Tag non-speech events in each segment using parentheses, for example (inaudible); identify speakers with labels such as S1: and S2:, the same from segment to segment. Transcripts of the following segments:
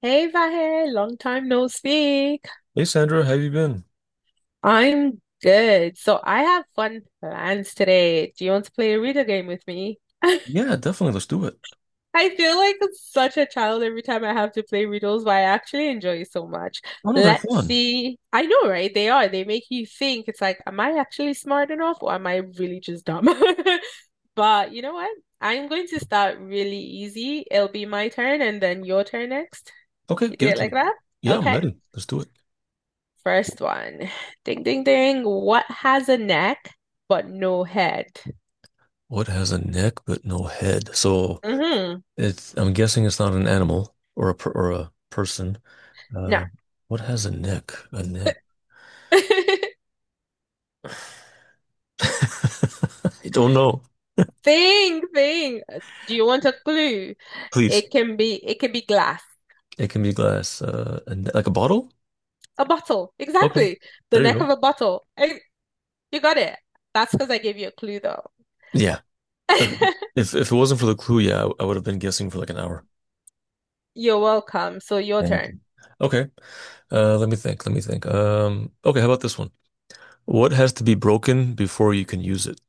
S1: Hey Vahe, long time no speak.
S2: Hey Sandra, how you been?
S1: I'm good. So I have fun plans today. Do you want to play a riddle game with me? (laughs)
S2: Yeah, definitely. Let's do it.
S1: I feel like such a child every time I have to play riddles, but I actually enjoy it so much.
S2: Oh no, they're
S1: Let's
S2: fun.
S1: see. I know, right? They are. They make you think. It's like, am I actually smart enough or am I really just dumb? (laughs) But you know what? I'm going to start really easy. It'll be my turn and then your turn next.
S2: Okay,
S1: You do
S2: give it
S1: it
S2: to
S1: like
S2: me.
S1: that?
S2: Yeah, I'm
S1: Okay.
S2: ready. Let's do it.
S1: First one. Ding, ding, ding. What has a neck but no head?
S2: What has a neck but no head? So
S1: Mm-hmm.
S2: it's I'm guessing it's not an animal or a per, or a person.
S1: No.
S2: Uh, what has a neck? A neck.
S1: (laughs)
S2: (laughs) I don't know.
S1: Thing, thing. Do you want a clue?
S2: Please.
S1: It can be glass.
S2: It can be glass. A ne- like a bottle?
S1: A bottle.
S2: Okay.
S1: Exactly. The
S2: There you
S1: neck
S2: go.
S1: of a bottle. Eh, you got it. That's because I gave you a clue though.
S2: Yeah. If it wasn't for the clue, yeah, I would have been guessing for like an hour.
S1: (laughs) You're welcome. So your
S2: Thank
S1: turn.
S2: you. Okay. Let me think. Let me think. Okay, how about this one? What has to be broken before you can use it?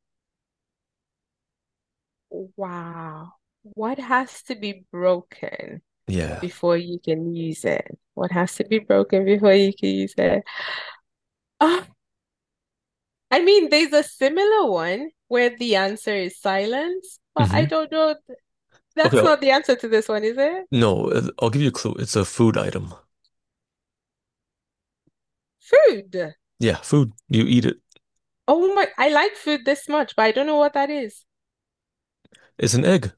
S1: Wow. What has to be broken
S2: Yeah.
S1: before you can use it? What has to be broken before you can use it? Oh, I mean, there's a similar one where the answer is silence, but I
S2: Hmm.
S1: don't know.
S2: Okay.
S1: That's
S2: I'll-
S1: not the answer to this one, is it?
S2: no, I'll give you a clue. It's a food item.
S1: Food.
S2: Yeah, food. You eat it.
S1: Oh my, I like food this much, but I don't know what that is.
S2: It's an egg.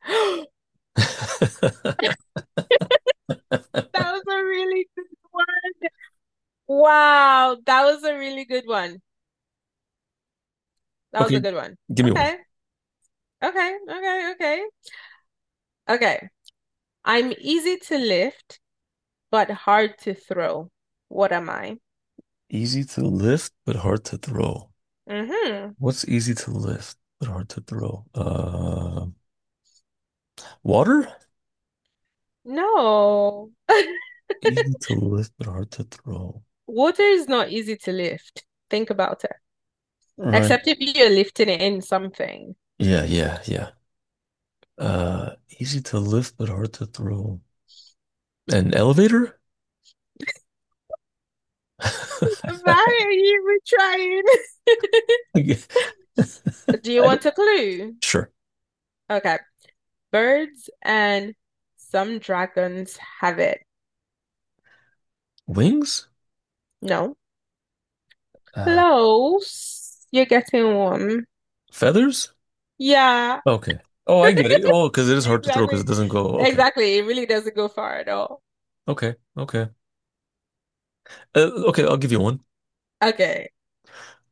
S1: (gasps)
S2: (laughs)
S1: That was a really good one. Wow, that was a really good one. That was
S2: Okay,
S1: a good one.
S2: give me one.
S1: Okay, okay. Okay. I'm easy to lift, but hard to throw. What am I?
S2: Easy to lift, but hard to throw.
S1: Mm-hmm.
S2: What's easy to lift, but hard to throw? Water?
S1: No. (laughs)
S2: Easy to lift, but hard to throw.
S1: Water is not easy to lift. Think about it.
S2: All right.
S1: Except if you're lifting it in something.
S2: Yeah, yeah, yeah. Uh, Easy to lift, but hard to throw. An elevator? (laughs)
S1: Why are you even trying?
S2: (laughs)
S1: (laughs) Do you
S2: I don't,
S1: want a clue?
S2: sure.
S1: Okay. Birds and some dragons have it.
S2: Wings?
S1: No.
S2: Uh,
S1: Close. You're getting warm.
S2: Feathers?
S1: Yeah,
S2: Okay. Oh, I get it. Oh, because it is hard to throw because it
S1: exactly.
S2: doesn't go. Okay.
S1: Exactly. It really doesn't go far at all.
S2: Okay. Okay. Uh, okay, I'll give you one.
S1: Okay.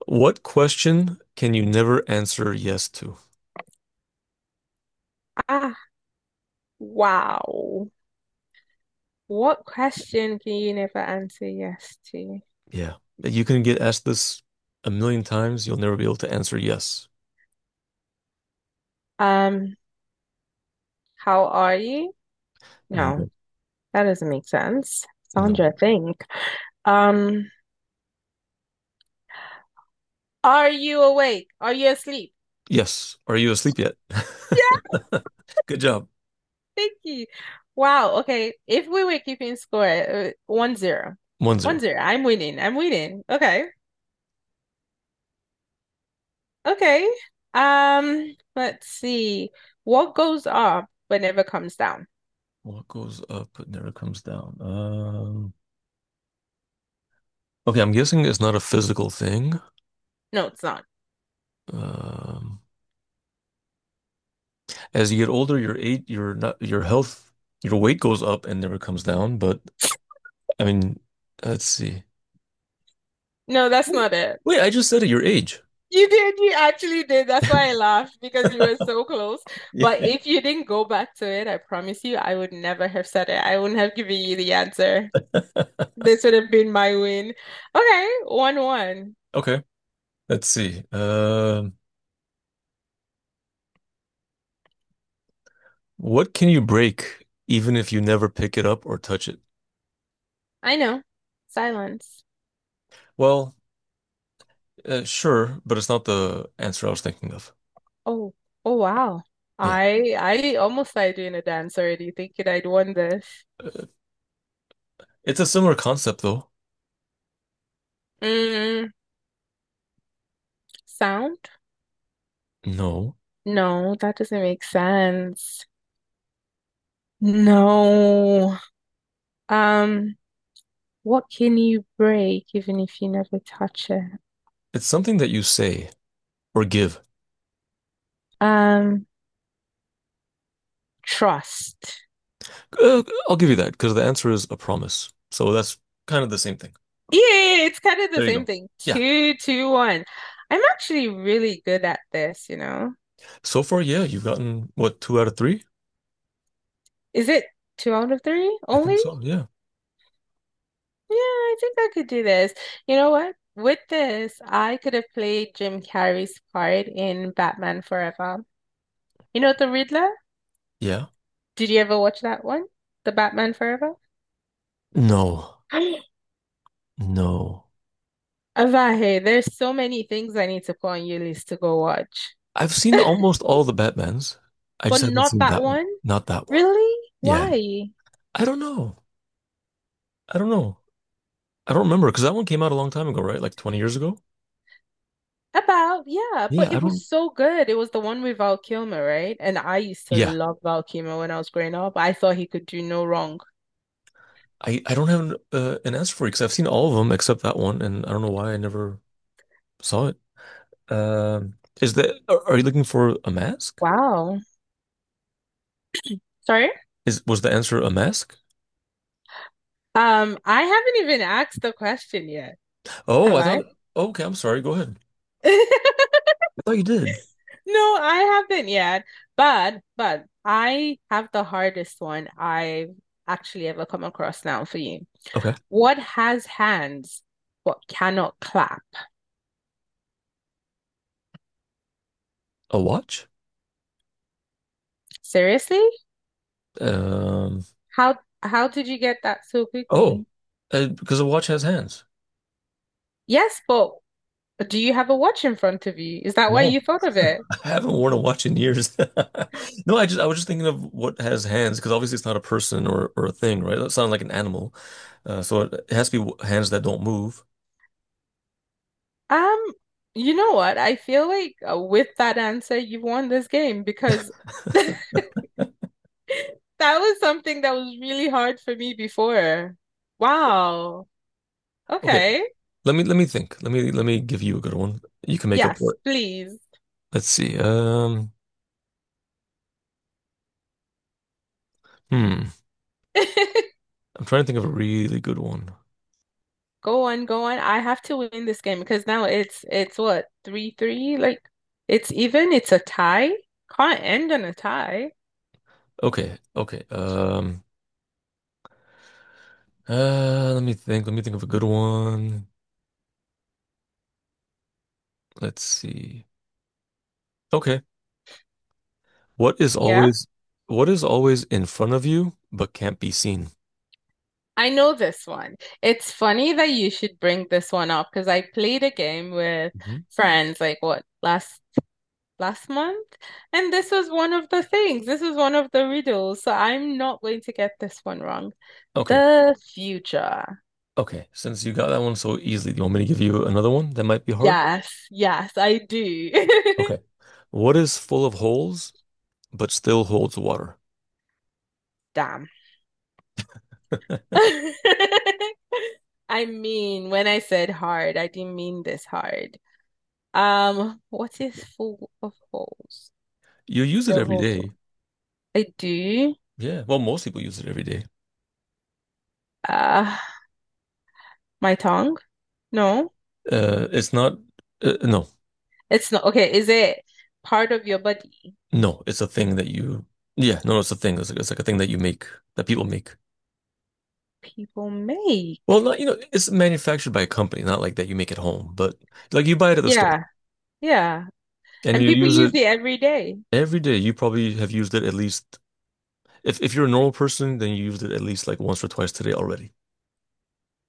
S2: What question can you never answer yes to?
S1: Ah, wow. What question can you never answer yes to?
S2: Yeah. You can get asked this a million times. You'll never be able to answer yes.
S1: Um, how are you? No.
S2: No.
S1: That doesn't make sense.
S2: No.
S1: Sandra, think. Um, are you awake? Are you asleep?
S2: Yes. Are you asleep yet?
S1: Yeah,
S2: (laughs) Good job.
S1: thank you. Wow. Okay. If we were keeping score, 1-0.
S2: One
S1: One
S2: zero.
S1: zero. I'm winning. I'm winning. Okay. Okay. Let's see. What goes up but never comes down?
S2: What goes up but never comes down? Okay, I'm guessing it's not a physical thing.
S1: No, it's not.
S2: Um, as you get older, your age, your not your health, your weight goes up and never comes down. But I mean, let's see.
S1: No, that's not it.
S2: Wait, I just said it, your age.
S1: You did, you actually did. That's why I laughed because you were so close. But
S2: Yeah.
S1: if you didn't go back to it, I promise you, I would never have said it. I wouldn't have given you the answer. This would have been my win. Okay, 1-1.
S2: Okay, let's see. What can you break even if you never pick it up or touch it?
S1: I know. Silence.
S2: Well, sure, but it's not the answer I was thinking of.
S1: Oh, oh wow.
S2: Yeah,
S1: I almost started doing a dance already, thinking I'd won this.
S2: uh, it's a similar concept though.
S1: Mm, sound?
S2: No,
S1: No, that doesn't make sense. No. Um, what can you break even if you never touch it?
S2: it's something that you say or give.
S1: Um, trust.
S2: Uh, I'll give you that because the answer is a promise. So that's kind of the same thing.
S1: Yeah, it's kind of the
S2: There you
S1: same
S2: go.
S1: thing.
S2: Yeah.
S1: Two, two, one. I'm actually really good at this, you know.
S2: So far, yeah, you've gotten what, two out of three?
S1: Is it two out of three
S2: I think
S1: only?
S2: so. Yeah.
S1: Yeah, I think I could do this. You know what? With this, I could have played Jim Carrey's part in Batman Forever. You know, The Riddler?
S2: Yeah.
S1: Did you ever watch that one? The Batman Forever?
S2: No,
S1: (gasps) Avahe,
S2: no.
S1: there's so many things I need to put on your list to go watch.
S2: I've seen
S1: (laughs)
S2: almost all the Batmans. I
S1: But
S2: just haven't
S1: not
S2: seen
S1: that
S2: that one.
S1: one.
S2: Not that one.
S1: Really?
S2: Yeah.
S1: Why?
S2: I don't know. I don't know. I don't remember because that one came out a long time ago, right? Like 20 years ago.
S1: About, yeah,
S2: Yeah,
S1: but
S2: I
S1: it was
S2: don't.
S1: so good. It was the one with Val Kilmer, right? And I used to
S2: Yeah,
S1: love Val Kilmer when I was growing up. I thought he could do no wrong.
S2: I don't have an answer for you because I've seen all of them except that one, and I don't know why I never saw it. Um, is that are you looking for a mask?
S1: Wow. Sorry?
S2: Is was the answer a mask?
S1: I haven't even asked the question yet,
S2: Oh,
S1: have
S2: I
S1: I?
S2: thought. Okay, I'm sorry. Go ahead.
S1: (laughs)
S2: I thought you did.
S1: No, I haven't yet. But I have the hardest one I've actually ever come across now for you.
S2: Okay.
S1: What has hands but cannot clap?
S2: A watch?
S1: Seriously?
S2: Um.
S1: How how did you get that so
S2: Oh,
S1: quickly?
S2: because a watch has hands.
S1: Yes, but do you have a watch in front of you? Is that why
S2: No.
S1: you
S2: (laughs)
S1: thought of it?
S2: I haven't worn a watch in years. (laughs) No, I just I was just thinking of what has hands because obviously it's not a person or a thing, right? That sounds like an animal. So it has to be w- hands that don't move.
S1: Um, you know what? I feel like with that answer, you've won this game because (laughs) that was something that was really hard for me before. Wow.
S2: Okay,
S1: Okay.
S2: let me think. Let me give you a good one. You can make up for
S1: Yes,
S2: it.
S1: please.
S2: Let's see. Hmm.
S1: (laughs)
S2: I'm trying to think of a really good one.
S1: Go on, go on. I have to win this game because now it's what, three three? Like it's even, it's a tie. Can't end on a tie.
S2: Okay, okay. Let me think. Let me think of a good one. Let's see. Okay. What is
S1: Yeah.
S2: always what is always in front of you but can't be seen?
S1: I know this one. It's funny that you should bring this one up because I played a game with
S2: Hmm.
S1: friends like what last month, and this was one of the things. This was one of the riddles, so I'm not going to get this one wrong.
S2: Okay.
S1: The future.
S2: Okay. Since you got that one so easily, do you want me to give you another one that might be hard?
S1: Yes, yes, I do.
S2: Okay. What is full of holes but still holds water?
S1: (laughs) Damn.
S2: (laughs)
S1: (laughs) I mean, when I said hard, I didn't mean this hard. What is full of holes?
S2: You use it
S1: Still
S2: every
S1: holds.
S2: day.
S1: I do.
S2: Yeah. Well, most people use it every day.
S1: Uh, my tongue? No,
S2: It's not no.
S1: it's not. Okay, is it part of your body?
S2: No, it's a thing that you Yeah, no, no, it's a thing. It's like a thing that you make that people make.
S1: People
S2: Well,
S1: make.
S2: not, you know, it's manufactured by a company, not like that you make it home, but like you buy it at the store
S1: Yeah, yeah.
S2: and
S1: And
S2: you
S1: people
S2: use
S1: use
S2: it
S1: it every day.
S2: every day. You probably have used it at least, if you're a normal person, then you used it at least like once or twice today already.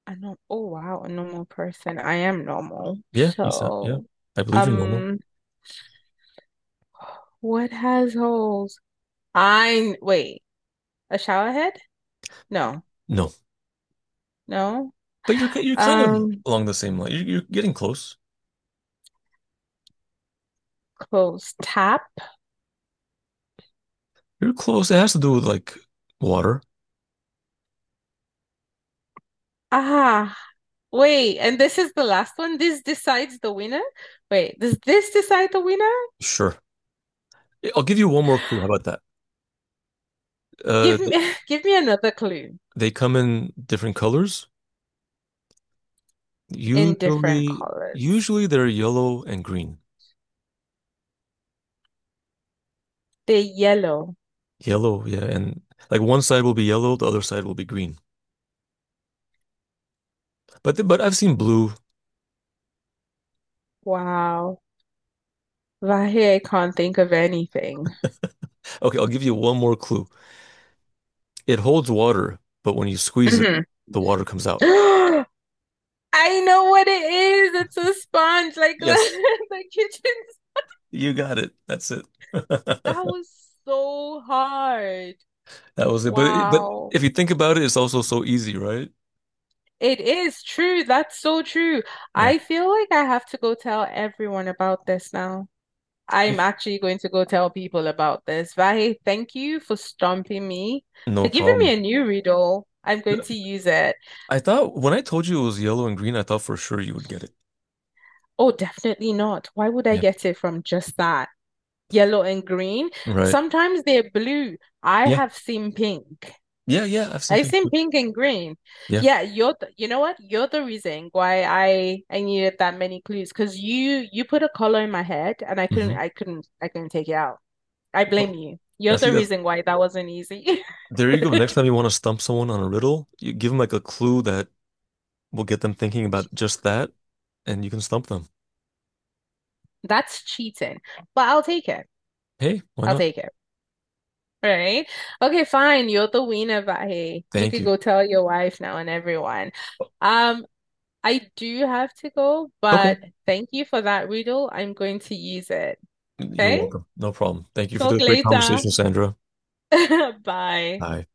S1: I know. Oh, wow. A normal person. I am normal.
S2: Yeah, you sound, yeah,
S1: So,
S2: I believe you're normal.
S1: um, what has holes? I, wait, a shower head? No,
S2: No,
S1: no.
S2: but you're, ki- you're kind of
S1: Um,
S2: along the same line. You're getting close.
S1: close tap.
S2: You're close. It has to do with like water.
S1: Ah, wait. And this is the last one. This decides the winner. Wait, does this decide the winner?
S2: Sure. I'll give you one more clue. How about that? Uh,
S1: Give me (laughs) give me another clue
S2: they come in different colors.
S1: in different
S2: Usually,
S1: colors.
S2: usually they're yellow and green.
S1: They're yellow.
S2: Yellow, yeah, and like one side will be yellow, the other side will be green. But I've seen blue.
S1: Wow. Vahe, I can't think of anything.
S2: Okay, I'll give you one more clue. It holds water, but when you squeeze it,
S1: Hmm.
S2: the water comes out.
S1: (gasps) I know what it is. It's a sponge, like
S2: Yes,
S1: the, (laughs) the kitchen.
S2: you got it. That's it.
S1: That
S2: (laughs)
S1: was so hard.
S2: That was it. But
S1: Wow.
S2: if you think about it, it's also so easy, right?
S1: It is true. That's so true.
S2: Yeah.
S1: I feel like I have to go tell everyone about this now. I'm
S2: I-
S1: actually going to go tell people about this. Vahe, thank you for stomping me, for
S2: No
S1: giving me
S2: problem.
S1: a new riddle. I'm going to use it.
S2: I thought when I told you it was yellow and green, I thought for sure you would get it.
S1: Oh, definitely not. Why would I
S2: Yeah.
S1: get it from just that? Yellow and green.
S2: Right.
S1: Sometimes they're blue. I
S2: Yeah.
S1: have seen pink.
S2: Yeah, I've seen
S1: I've
S2: pink.
S1: seen
S2: Too.
S1: pink and green.
S2: Yeah.
S1: Yeah, you're the, you know what? You're the reason why I needed that many clues because you put a color in my head and I couldn't
S2: Hmm.
S1: take it out. I
S2: Well,
S1: blame you.
S2: I
S1: You're the
S2: think that's
S1: reason why that wasn't easy.
S2: There you
S1: (laughs)
S2: go. Next time you want to stump someone on a riddle, you give them like a clue that will get them thinking about just that, and you can stump them.
S1: That's cheating. But I'll take it.
S2: Hey, why
S1: I'll
S2: not?
S1: take it. Right? Okay, fine. You're the winner, but hey, you
S2: Thank
S1: could
S2: you.
S1: go tell your wife now and everyone. Um, I do have to go,
S2: Okay.
S1: but thank you for that riddle. I'm going to use it.
S2: You're
S1: Okay?
S2: welcome. No problem. Thank you for
S1: Talk
S2: the great
S1: later.
S2: conversation, Sandra.
S1: (laughs) Bye.
S2: Bye.